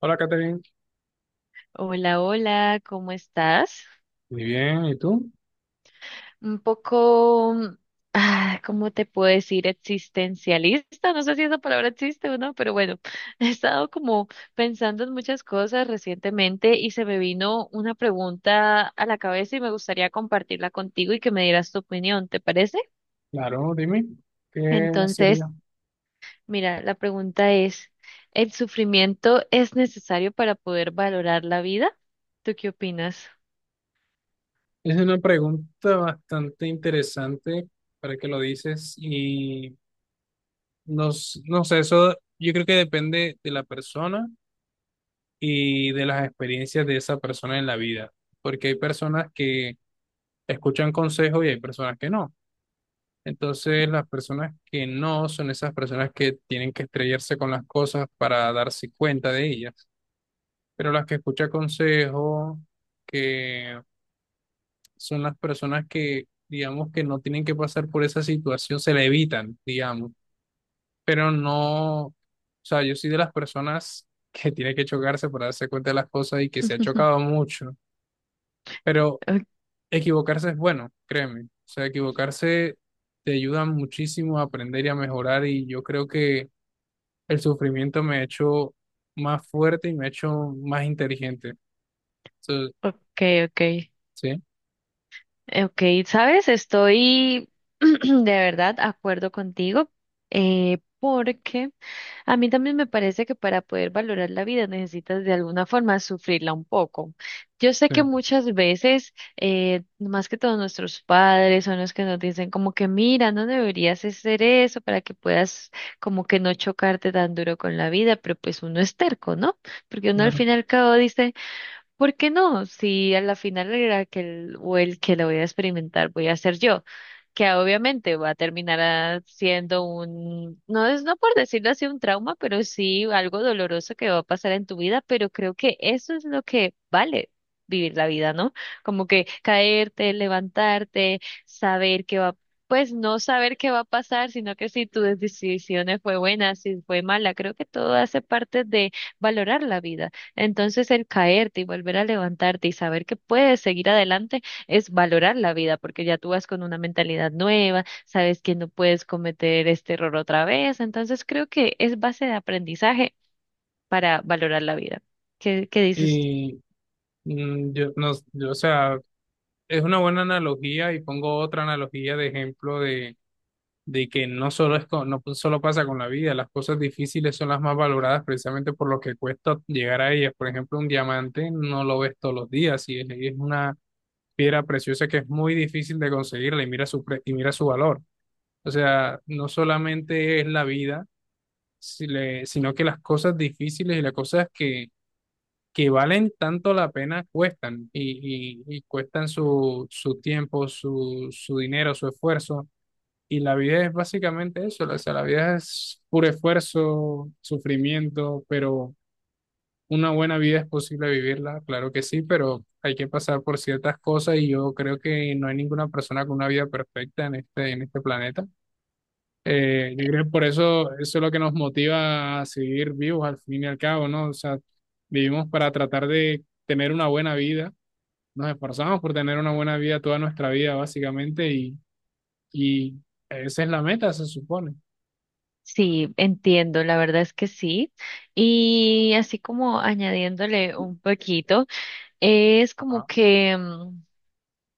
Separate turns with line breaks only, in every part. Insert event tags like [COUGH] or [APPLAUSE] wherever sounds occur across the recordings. Hola, Catherine.
Hola, hola, ¿cómo estás?
Muy bien, ¿y tú?
Un poco, ¿cómo te puedo decir? Existencialista, no sé si esa palabra existe o no, pero bueno, [LAUGHS] he estado como pensando en muchas cosas recientemente y se me vino una pregunta a la cabeza y me gustaría compartirla contigo y que me dieras tu opinión, ¿te parece?
Claro, dime, ¿qué
Entonces,
sería?
mira, la pregunta es, ¿el sufrimiento es necesario para poder valorar la vida? ¿Tú qué opinas?
Es una pregunta bastante interesante para que lo dices y no, no sé, eso yo creo que depende de la persona y de las experiencias de esa persona en la vida, porque hay personas que escuchan consejos y hay personas que no. Entonces, las personas que no son esas personas que tienen que estrellarse con las cosas para darse cuenta de ellas. Pero las que escucha consejos, que son las personas que, digamos, que no tienen que pasar por esa situación, se la evitan, digamos, pero no, o sea, yo soy de las personas [LAUGHS] que tiene que chocarse para darse cuenta de las cosas y que se ha
[LAUGHS]
chocado mucho, pero equivocarse es bueno, créeme, o sea, equivocarse te ayuda muchísimo a aprender y a mejorar y yo creo que el sufrimiento me ha hecho más fuerte y me ha hecho más inteligente. So,
Ok, ok.
sí,
Ok, sabes, estoy [CLEARS THROAT] de verdad acuerdo contigo, porque a mí también me parece que para poder valorar la vida necesitas de alguna forma sufrirla un poco. Yo sé
sí,
que muchas veces, más que todos nuestros padres son los que nos dicen como que mira, no deberías hacer eso para que puedas como que no chocarte tan duro con la vida, pero pues uno es terco, ¿no? Porque uno al
claro.
fin y al cabo dice... ¿Por qué no? Si a la final el Raquel o el que lo voy a experimentar voy a ser yo, que obviamente va a terminar siendo un, no es no por decirlo así un trauma, pero sí algo doloroso que va a pasar en tu vida, pero creo que eso es lo que vale vivir la vida, ¿no? Como que caerte, levantarte, saber que va, pues no saber qué va a pasar, sino que si tu decisión fue buena, si fue mala, creo que todo hace parte de valorar la vida. Entonces el caerte y volver a levantarte y saber que puedes seguir adelante es valorar la vida, porque ya tú vas con una mentalidad nueva, sabes que no puedes cometer este error otra vez. Entonces creo que es base de aprendizaje para valorar la vida. ¿Qué dices?
Y yo, no, yo, o sea, es una buena analogía y pongo otra analogía de ejemplo de, que no solo no solo pasa con la vida, las cosas difíciles son las más valoradas precisamente por lo que cuesta llegar a ellas. Por ejemplo, un diamante no lo ves todos los días y es una piedra preciosa que es muy difícil de conseguirla y y mira su valor. O sea, no solamente es la vida, si le- sino que las cosas difíciles y las cosas que valen tanto la pena cuestan y cuestan su tiempo, su dinero, su esfuerzo. Y la vida es básicamente eso, o sea, la vida es puro esfuerzo, sufrimiento, pero una buena vida es posible vivirla, claro que sí, pero hay que pasar por ciertas cosas y yo creo que no hay ninguna persona con una vida perfecta en este, planeta. Yo creo que eso es lo que nos motiva a seguir vivos al fin y al cabo, ¿no? O sea, vivimos para tratar de tener una buena vida, nos esforzamos por tener una buena vida toda nuestra vida, básicamente, y esa es la meta, se supone.
Sí, entiendo, la verdad es que sí. Y así como añadiéndole un poquito, es como
Ajá.
que...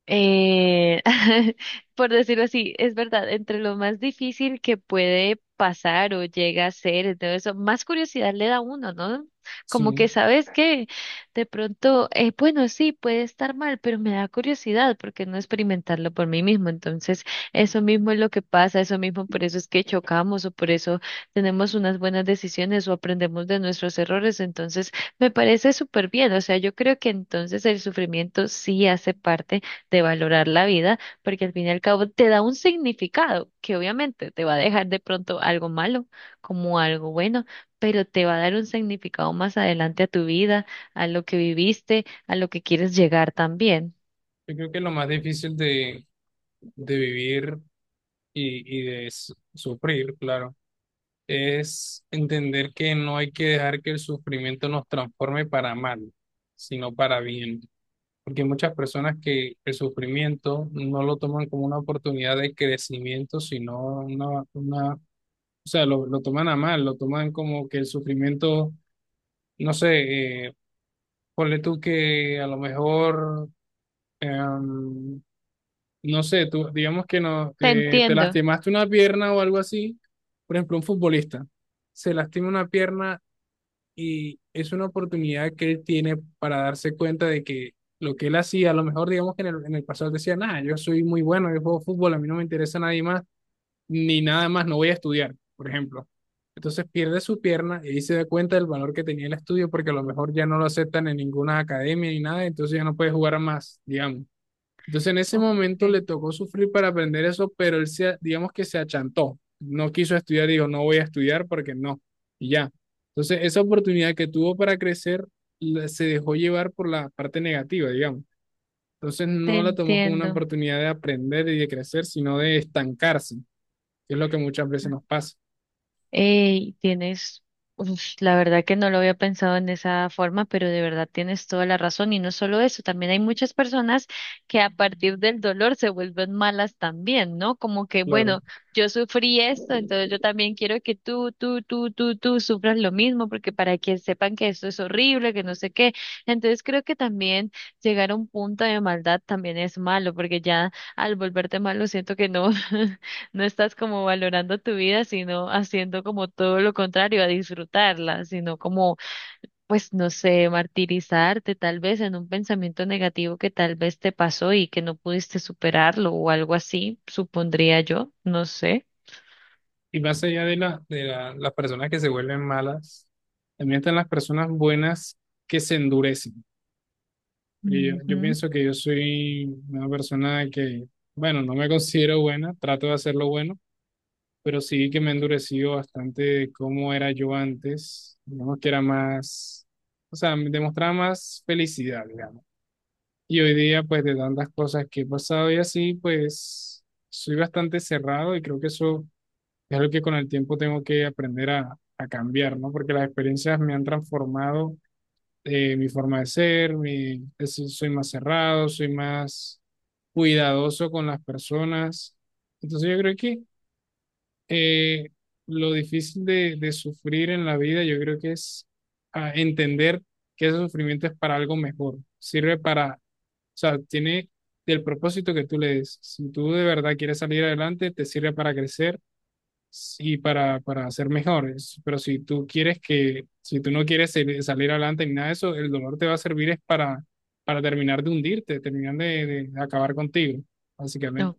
Eh, [LAUGHS] por decirlo así, es verdad, entre lo más difícil que puede pasar o llega a ser, y todo eso, más curiosidad le da a uno, ¿no?
Sí,
Como que
yo
sabes que de pronto, bueno, sí, puede estar mal, pero me da curiosidad porque no experimentarlo por mí mismo. Entonces, eso mismo es lo que pasa, eso mismo, por eso es que chocamos o por eso tenemos unas buenas decisiones o aprendemos de nuestros errores. Entonces, me parece súper bien. O sea, yo creo que entonces el sufrimiento sí hace parte de valorar la vida, porque al fin y al cabo te da un significado que obviamente te va a dejar de pronto algo malo como algo bueno, pero te va a dar un significado más adelante a tu vida, a lo que viviste, a lo que quieres llegar también.
creo que lo más difícil de vivir y de sufrir, claro, es entender que no hay que dejar que el sufrimiento nos transforme para mal, sino para bien. Porque hay muchas personas que el sufrimiento no lo toman como una oportunidad de crecimiento, sino o sea, lo toman a mal, lo toman como que el sufrimiento, no sé, ponle tú que a lo mejor, em, no sé, tú, digamos que no,
Te
te
entiendo.
lastimaste una pierna o algo así, por ejemplo, un futbolista se lastima una pierna y es una oportunidad que él tiene para darse cuenta de que lo que él hacía, a lo mejor digamos que en el pasado él decía, nada, yo soy muy bueno, yo juego fútbol, a mí no me interesa nadie más, ni nada más, no voy a estudiar, por ejemplo. Entonces pierde su pierna y ahí se da cuenta del valor que tenía el estudio porque a lo mejor ya no lo aceptan en ninguna academia ni nada, entonces ya no puede jugar más, digamos. Entonces en ese
Ok,
momento le tocó sufrir para aprender eso, pero él se, digamos que se achantó, no quiso estudiar, dijo, no voy a estudiar porque no, y ya. Entonces esa oportunidad que tuvo para crecer se dejó llevar por la parte negativa, digamos. Entonces
te
no la tomó como una
entiendo.
oportunidad de aprender y de crecer, sino de estancarse, que es lo que muchas veces nos pasa,
Ey, tienes, uf, la verdad que no lo había pensado en esa forma, pero de verdad tienes toda la razón. Y no solo eso, también hay muchas personas que a partir del dolor se vuelven malas también, ¿no? Como que,
claro.
bueno, yo sufrí esto, entonces yo también quiero que tú sufras lo mismo, porque para que sepan que esto es horrible, que no sé qué. Entonces creo que también llegar a un punto de maldad también es malo, porque ya al volverte malo siento que no. [LAUGHS] No estás como valorando tu vida, sino haciendo como todo lo contrario, a disfrutarla, sino como, pues no sé, martirizarte tal vez en un pensamiento negativo que tal vez te pasó y que no pudiste superarlo o algo así, supondría yo, no sé.
Y más allá de, la, las personas que se vuelven malas, también están las personas buenas que se endurecen. Y yo
Ujú.
pienso que yo soy una persona que, bueno, no me considero buena, trato de hacerlo bueno, pero sí que me he endurecido bastante de cómo era yo antes, digamos que era más, o sea, me demostraba más felicidad, digamos. Y hoy día, pues de tantas cosas que he pasado y así, pues soy bastante cerrado y creo que eso es algo que con el tiempo tengo que aprender a cambiar, ¿no? Porque las experiencias me han transformado mi forma de ser, soy más cerrado, soy más cuidadoso con las personas. Entonces yo creo que eh, lo difícil de sufrir en la vida, yo creo que es entender que ese sufrimiento es para algo mejor, sirve para, o sea, tiene el propósito que tú le des. Si tú de verdad quieres salir adelante, te sirve para crecer y para, ser mejores. Pero si tú quieres que, si tú no quieres salir adelante ni nada de eso, el dolor te va a servir es para terminar de hundirte, terminar de acabar contigo, básicamente.
Ok,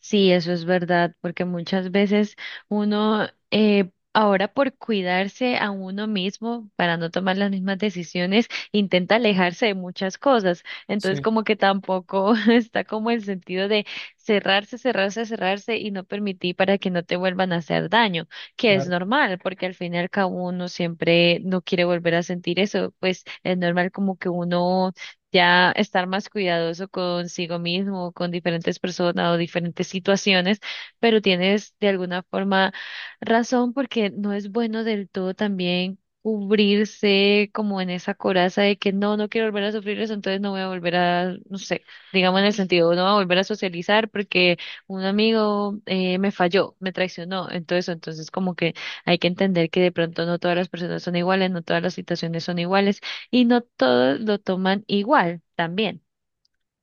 sí, eso es verdad, porque muchas veces uno, ahora por cuidarse a uno mismo, para no tomar las mismas decisiones, intenta alejarse de muchas cosas. Entonces,
Sí,
como que tampoco [LAUGHS] está como el sentido de cerrarse y no permitir para que no te vuelvan a hacer daño, que es
claro,
normal, porque al fin y al cabo uno siempre no quiere volver a sentir eso, pues es normal como que uno ya estar más cuidadoso consigo mismo, con diferentes personas o diferentes situaciones, pero tienes de alguna forma razón porque no es bueno del todo también cubrirse como en esa coraza de que no, no quiero volver a sufrir eso, entonces no voy a volver a, no sé, digamos en el sentido, no voy a volver a socializar porque un amigo me falló, me traicionó, entonces como que hay que entender que de pronto no todas las personas son iguales, no todas las situaciones son iguales y no todos lo toman igual también.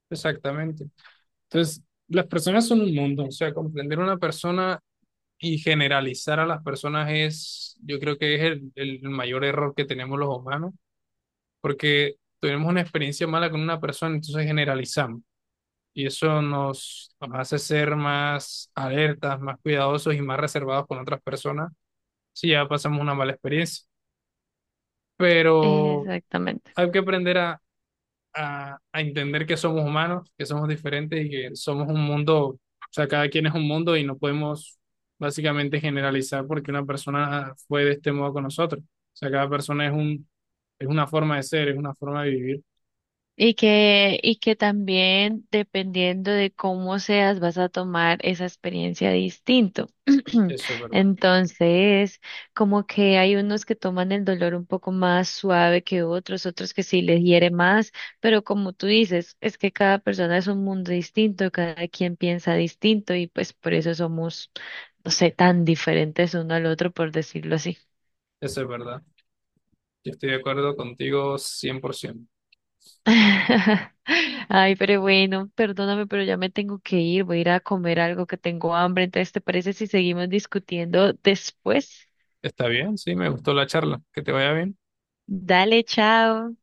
exactamente. Entonces, las personas son un mundo, o sea, comprender una persona y generalizar a las personas yo creo que es el mayor error que tenemos los humanos, porque tenemos una experiencia mala con una persona, entonces generalizamos. Y eso nos hace ser más alertas, más cuidadosos y más reservados con otras personas si ya pasamos una mala experiencia. Pero
Exactamente.
hay que aprender a, a entender que somos humanos, que somos diferentes y que somos un mundo, o sea, cada quien es un mundo y no podemos básicamente generalizar porque una persona fue de este modo con nosotros. O sea, cada persona es una forma de ser, es una forma de vivir.
Y que también dependiendo de cómo seas, vas a tomar esa experiencia distinto.
Eso es
[CLEARS THROAT]
verdad,
Entonces, como que hay unos que toman el dolor un poco más suave que otros, otros que sí les hiere más, pero como tú dices, es que cada persona es un mundo distinto, cada quien piensa distinto y pues por eso somos, no sé, tan diferentes uno al otro, por decirlo así.
eso es verdad. Yo estoy de acuerdo contigo 100%.
[LAUGHS] Ay, pero bueno, perdóname, pero ya me tengo que ir, voy a ir a comer algo que tengo hambre, entonces ¿te parece si seguimos discutiendo después?
Está bien, sí, me gustó la charla. Que te vaya bien.
Dale, chao.